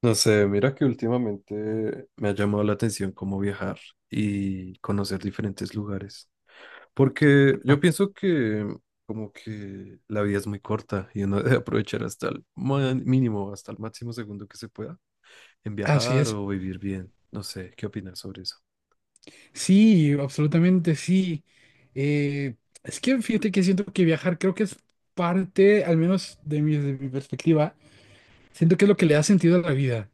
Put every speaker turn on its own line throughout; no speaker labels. No sé, mira que últimamente me ha llamado la atención cómo viajar y conocer diferentes lugares. Porque
Ah,
yo pienso que como que la vida es muy corta y uno debe aprovechar hasta mínimo, hasta el máximo segundo que se pueda en
así
viajar
es.
o vivir bien. No sé, ¿qué opinas sobre eso?
Sí, absolutamente sí. Eh, es que fíjate que siento que viajar creo que es parte, al menos de mi perspectiva, siento que es lo que le da sentido a la vida.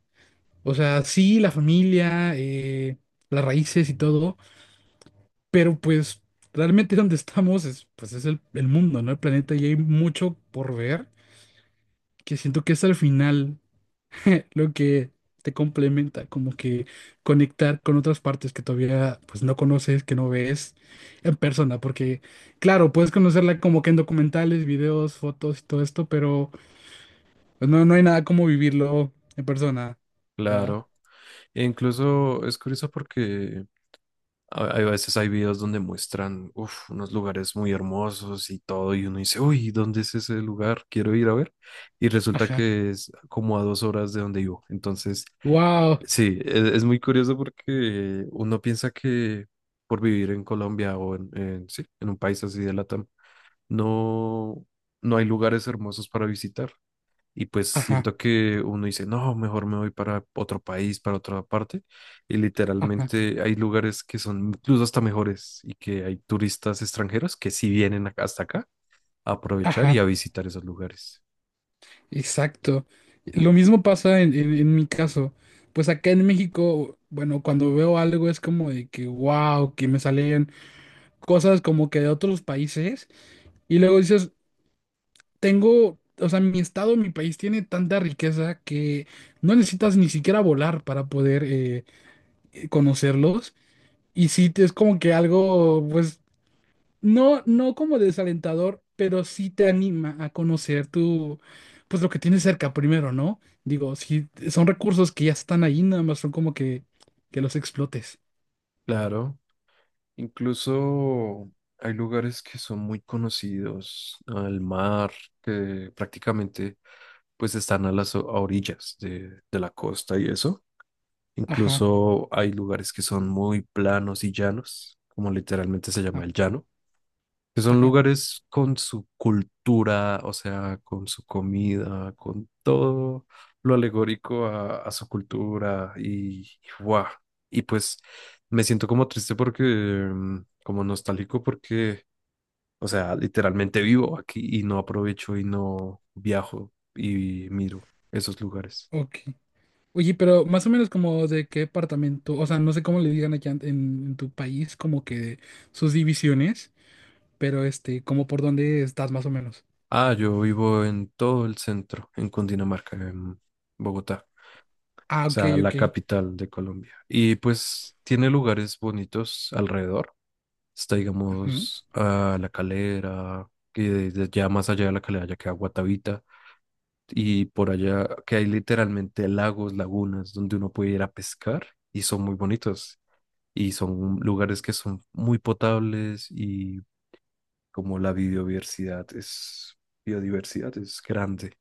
O sea, sí, la familia, las raíces y todo, pero pues realmente donde estamos es, pues es el mundo, ¿no? El planeta y hay mucho por ver que siento que es al final. lo que te complementa, como que conectar con otras partes que todavía pues no conoces, que no ves en persona, porque claro, puedes conocerla como que en documentales, videos, fotos y todo esto, pero pues, no, no hay nada como vivirlo en persona, ¿va?
Claro. E incluso es curioso porque A hay veces hay videos donde muestran uf, unos lugares muy hermosos y todo, y uno dice, uy, ¿dónde es ese lugar? Quiero ir a ver. Y resulta
Ajá,
que es como a 2 horas de donde vivo. Entonces,
wow,
sí, es muy curioso porque uno piensa que por vivir en Colombia sí, en un país así de Latam, no, no hay lugares hermosos para visitar. Y pues
ajá,
siento que uno dice, no, mejor me voy para otro país, para otra parte. Y
ajá,
literalmente hay lugares que son incluso hasta mejores y que hay turistas extranjeros que sí hasta acá a aprovechar y
ajá,
a visitar esos lugares.
exacto. Lo mismo pasa en mi caso. Pues acá en México, bueno, cuando veo algo es como de que, wow, que me salen cosas como que de otros países. Y luego dices, tengo, o sea, mi estado, mi país tiene tanta riqueza que no necesitas ni siquiera volar para poder conocerlos. Y sí, te- es como que algo, pues, no, no como desalentador, pero sí te anima a conocer tu, pues, lo que tienes cerca primero, ¿no? Digo, sí, son recursos que ya están ahí, nada más son como que los explotes.
Claro, incluso hay lugares que son muy conocidos al mar, que prácticamente pues están a a orillas de la costa y eso.
Ajá,
Incluso hay lugares que son muy planos y llanos, como literalmente se
ajá,
llama el llano, que son
ajá,
lugares con su cultura, o sea, con su comida, con todo lo alegórico a su cultura y, ¡guau! Y pues me siento como triste porque, como nostálgico porque, o sea, literalmente vivo aquí y no aprovecho y no viajo y miro esos lugares.
ok. Oye, pero más o menos como de qué departamento, o sea, no sé cómo le digan aquí en tu país, como que sus divisiones, pero este, como por dónde estás más o menos.
Ah, yo vivo en todo el centro, en Cundinamarca, en Bogotá, o
Ah, ok,
sea,
ok.
la capital de Colombia. Y pues tiene lugares bonitos alrededor. Está,
Ujú.
digamos, a La Calera, y desde ya más allá de La Calera ya queda Guatavita. Y por allá que hay literalmente lagos, lagunas, donde uno puede ir a pescar y son muy bonitos. Y son lugares que son muy potables y como la biodiversidad es grande.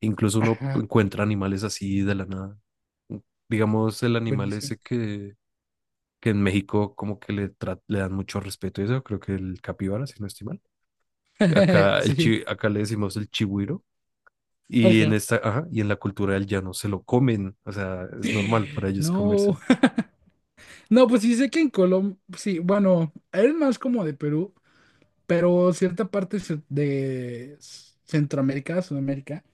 Incluso uno
Ajá,
encuentra animales así de la nada. Mm, digamos, el animal
buenísimo.
que en México como que le dan mucho respeto y eso, creo que el capibara, si no estoy mal. Acá,
Sí,
acá le decimos el chigüiro y en
ajá.
esta, ajá, y en la cultura del llano se lo comen, o sea, es normal para ellos
No,
comérselo.
no, pues sí sé que en Colombia, sí, bueno, eres más como de Perú, pero cierta parte se- de Centroamérica, Sudamérica,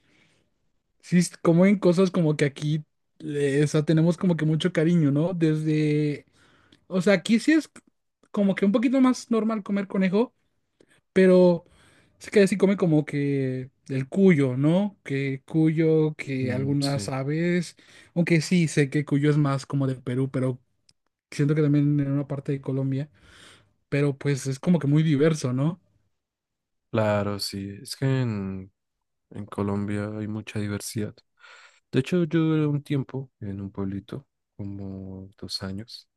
sí, es como en cosas como que aquí, o sea, tenemos como que mucho cariño, ¿no? Desde, o sea, aquí sí es como que un poquito más normal comer conejo, pero es que sí come como que el cuyo, ¿no? Que cuyo, que
Mm,
algunas
sí,
aves, aunque sí sé que cuyo es más como de Perú, pero siento que también en una parte de Colombia, pero pues es como que muy diverso, ¿no?
claro, sí. En Colombia hay mucha diversidad. De hecho, yo duré un tiempo en un pueblito, como 2 años.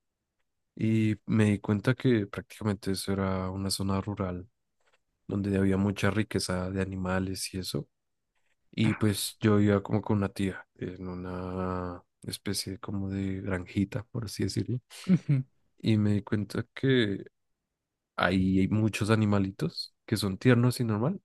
Y me di cuenta que prácticamente eso era una zona rural donde había mucha riqueza de animales y eso. Y
Ajá.
pues yo iba como con una tía en una especie como de granjita, por así decirlo.
Ujú.
Y me di cuenta que ahí hay muchos animalitos que son tiernos y normal.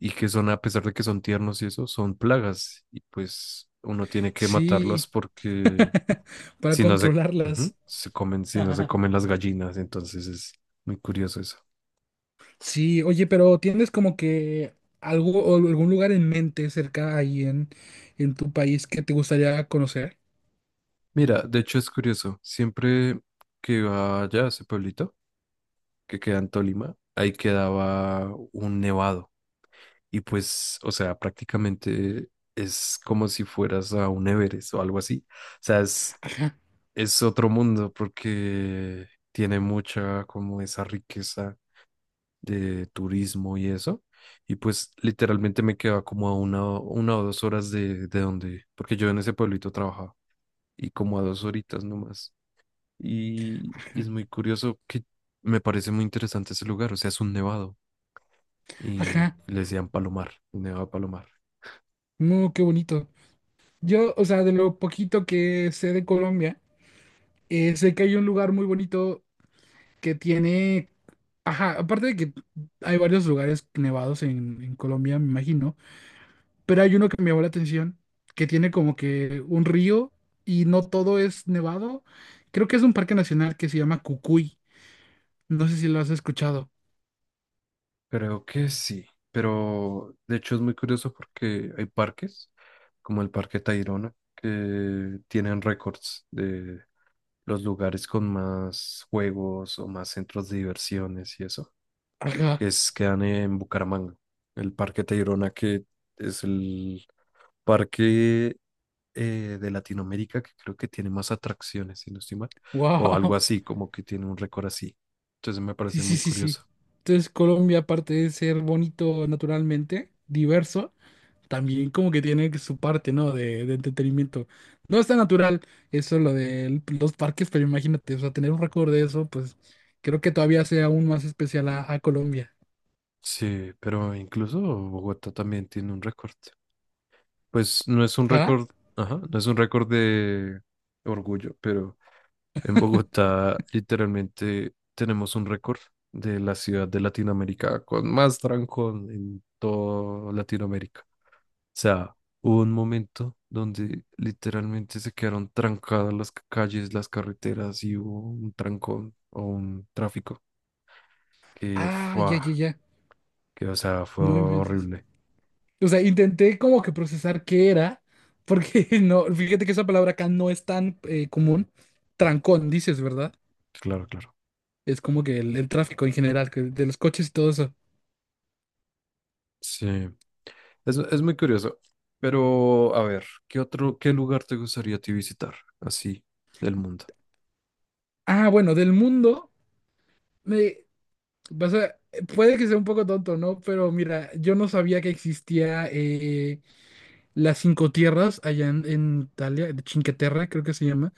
Y que son, a pesar de que son tiernos y eso, son plagas. Y pues uno tiene que matarlas
Sí,
porque
para
si no se, ujú,
controlarlas.
se comen, si no se comen las gallinas, entonces es muy curioso eso.
Sí, oye, pero ¿tienes como que algo o algún lugar en mente cerca ahí en tu país que te gustaría conocer?
Mira, de hecho es curioso, siempre que iba allá a ese pueblito que queda en Tolima, ahí quedaba un nevado y pues, o sea, prácticamente es como si fueras a un Everest o algo así. O sea,
Ajá,
es otro mundo porque tiene mucha como esa riqueza de turismo y eso. Y pues literalmente me quedaba como a una o 2 horas de donde, porque yo en ese pueblito trabajaba y como a 2 horitas nomás. Y
ajá,
es muy curioso que me parece muy interesante ese lugar, o sea, es un nevado y
ajá.
le decían Palomar, el Nevado de Palomar.
No, qué bonito. Yo, o sea, de lo poquito que sé de Colombia, sé que hay un lugar muy bonito que tiene, ajá, aparte de que hay varios lugares nevados en Colombia, me imagino, pero hay uno que me llamó la atención, que tiene como que un río y no todo es nevado. Creo que es un parque nacional que se llama Cucuy. No sé si lo has escuchado.
Creo que sí, pero de hecho es muy curioso porque hay parques, como el Parque Tayrona, que tienen récords de los lugares con más juegos o más centros de diversiones y eso,
Ajá.
que es, quedan en Bucaramanga. El Parque Tayrona, que es el parque de Latinoamérica que creo que tiene más atracciones, si no estoy mal, o algo
Wow.
así, como que tiene un récord así. Entonces me
Sí,
parece
sí,
muy
sí, sí.
curioso.
Entonces Colombia, aparte de ser bonito naturalmente, diverso, también como que tiene su parte, ¿no? De entretenimiento. No está natural eso lo de los parques, pero imagínate, o sea, tener un récord de eso, pues creo que todavía sea aún más especial a Colombia.
Sí, pero incluso Bogotá también tiene un récord. Pues no es un
Ajá.
récord, ajá, no es un récord de orgullo, pero en Bogotá literalmente tenemos un récord de la ciudad de Latinoamérica con más trancón en toda Latinoamérica. Sea, hubo un momento donde literalmente se quedaron trancadas calles, las carreteras y hubo un trancón o un tráfico que
Ah, ya,
fue,
ya, ya.
que o sea, fue
No inventes.
horrible.
O sea, intenté como que procesar qué era, porque no, fíjate que esa palabra acá no es tan común. Trancón, dices, ¿verdad?
Claro, claro.
Es como que el tráfico en general, que de los coches y todo eso.
Sí, es muy curioso. Pero, a ver, ¿qué otro, qué lugar te gustaría a ti visitar así del mundo?
Ah, bueno, del mundo, me, vas a- puede que sea un poco tonto, ¿no? Pero mira, yo no sabía que existía las cinco tierras allá en Italia, de Cinque Terre, creo que se llama.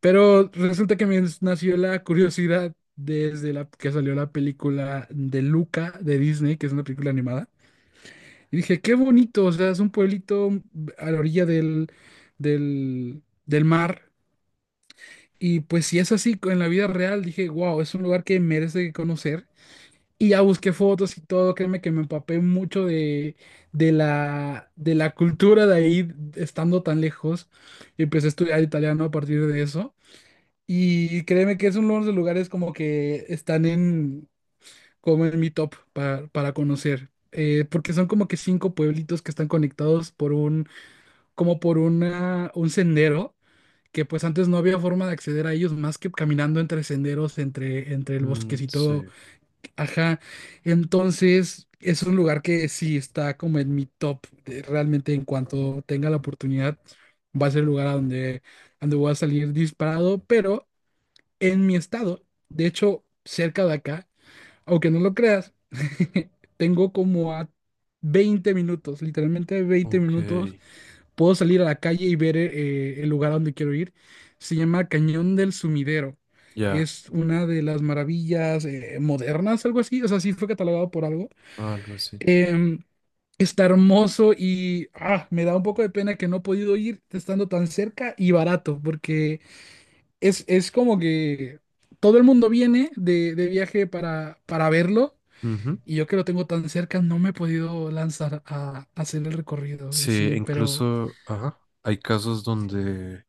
Pero resulta que me nació la curiosidad desde la que salió la película de Luca de Disney, que es una película animada. Y dije, qué bonito, o sea, es un pueblito a la orilla del mar. Y pues si es así en la vida real, dije, wow, es un lugar que merece conocer. Y ya busqué fotos y todo, créeme que me empapé mucho de, de la cultura de ahí, estando tan lejos. Y empecé a estudiar italiano a partir de eso. Y créeme que es uno de los lugares como que están en, como en mi top para conocer. Porque son como que cinco pueblitos que están conectados por un, como por una, un sendero, que pues antes no había forma de acceder a ellos más que caminando entre senderos, entre, entre el
Mm,
bosquecito.
sí,
Ajá. Entonces, es un lugar que sí está como en mi top. De- Realmente en cuanto tenga la oportunidad, va a ser el lugar a donde, donde voy a salir disparado, pero en mi estado, de hecho, cerca de acá, aunque no lo creas, tengo como a 20 minutos, literalmente veinte
ok,
minutos, puedo salir a la calle y ver el lugar a donde quiero ir. Se llama Cañón del Sumidero.
ya,
Es una de las maravillas modernas, algo así. O sea, sí fue catalogado por algo.
algo así.
Em, está hermoso y ah, me da un poco de pena que no he podido ir estando tan cerca y barato, porque es como que todo el mundo viene de viaje para verlo
Ujú.
y yo que lo tengo tan cerca no me he podido lanzar a hacer el recorrido.
Sí,
Sí, pero
incluso, ajá, hay casos donde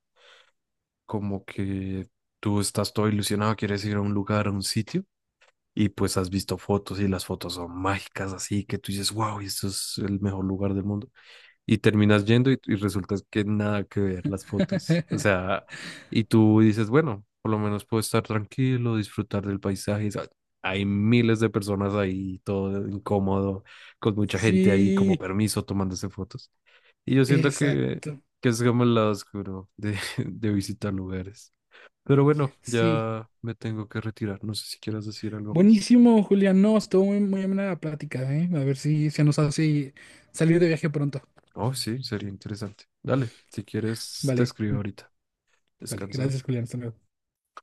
como que tú estás todo ilusionado, quieres ir a un lugar, a un sitio, y pues has visto fotos y las fotos son mágicas, así que tú dices, wow, esto es el mejor lugar del mundo. Y terminas yendo y resulta que nada que ver las fotos. O sea, y tú dices, bueno, por lo menos puedo estar tranquilo, disfrutar del paisaje. Sa- hay miles de personas ahí, todo incómodo, con mucha gente ahí como
sí,
permiso tomándose fotos. Y yo siento
exacto,
que es como el lado oscuro de, de visitar lugares. Pero bueno,
sí.
ya me tengo que retirar. No sé si quieras decir algo más.
Buenísimo, Julián. No, estuvo muy, muy amena la plática, ¿eh? A ver si se nos hace salir de viaje pronto.
Oh, sí, sería interesante. Dale, si quieres, te
Vale,
escribo ahorita.
vale.
Descansa.
Gracias, Julián. Hasta luego.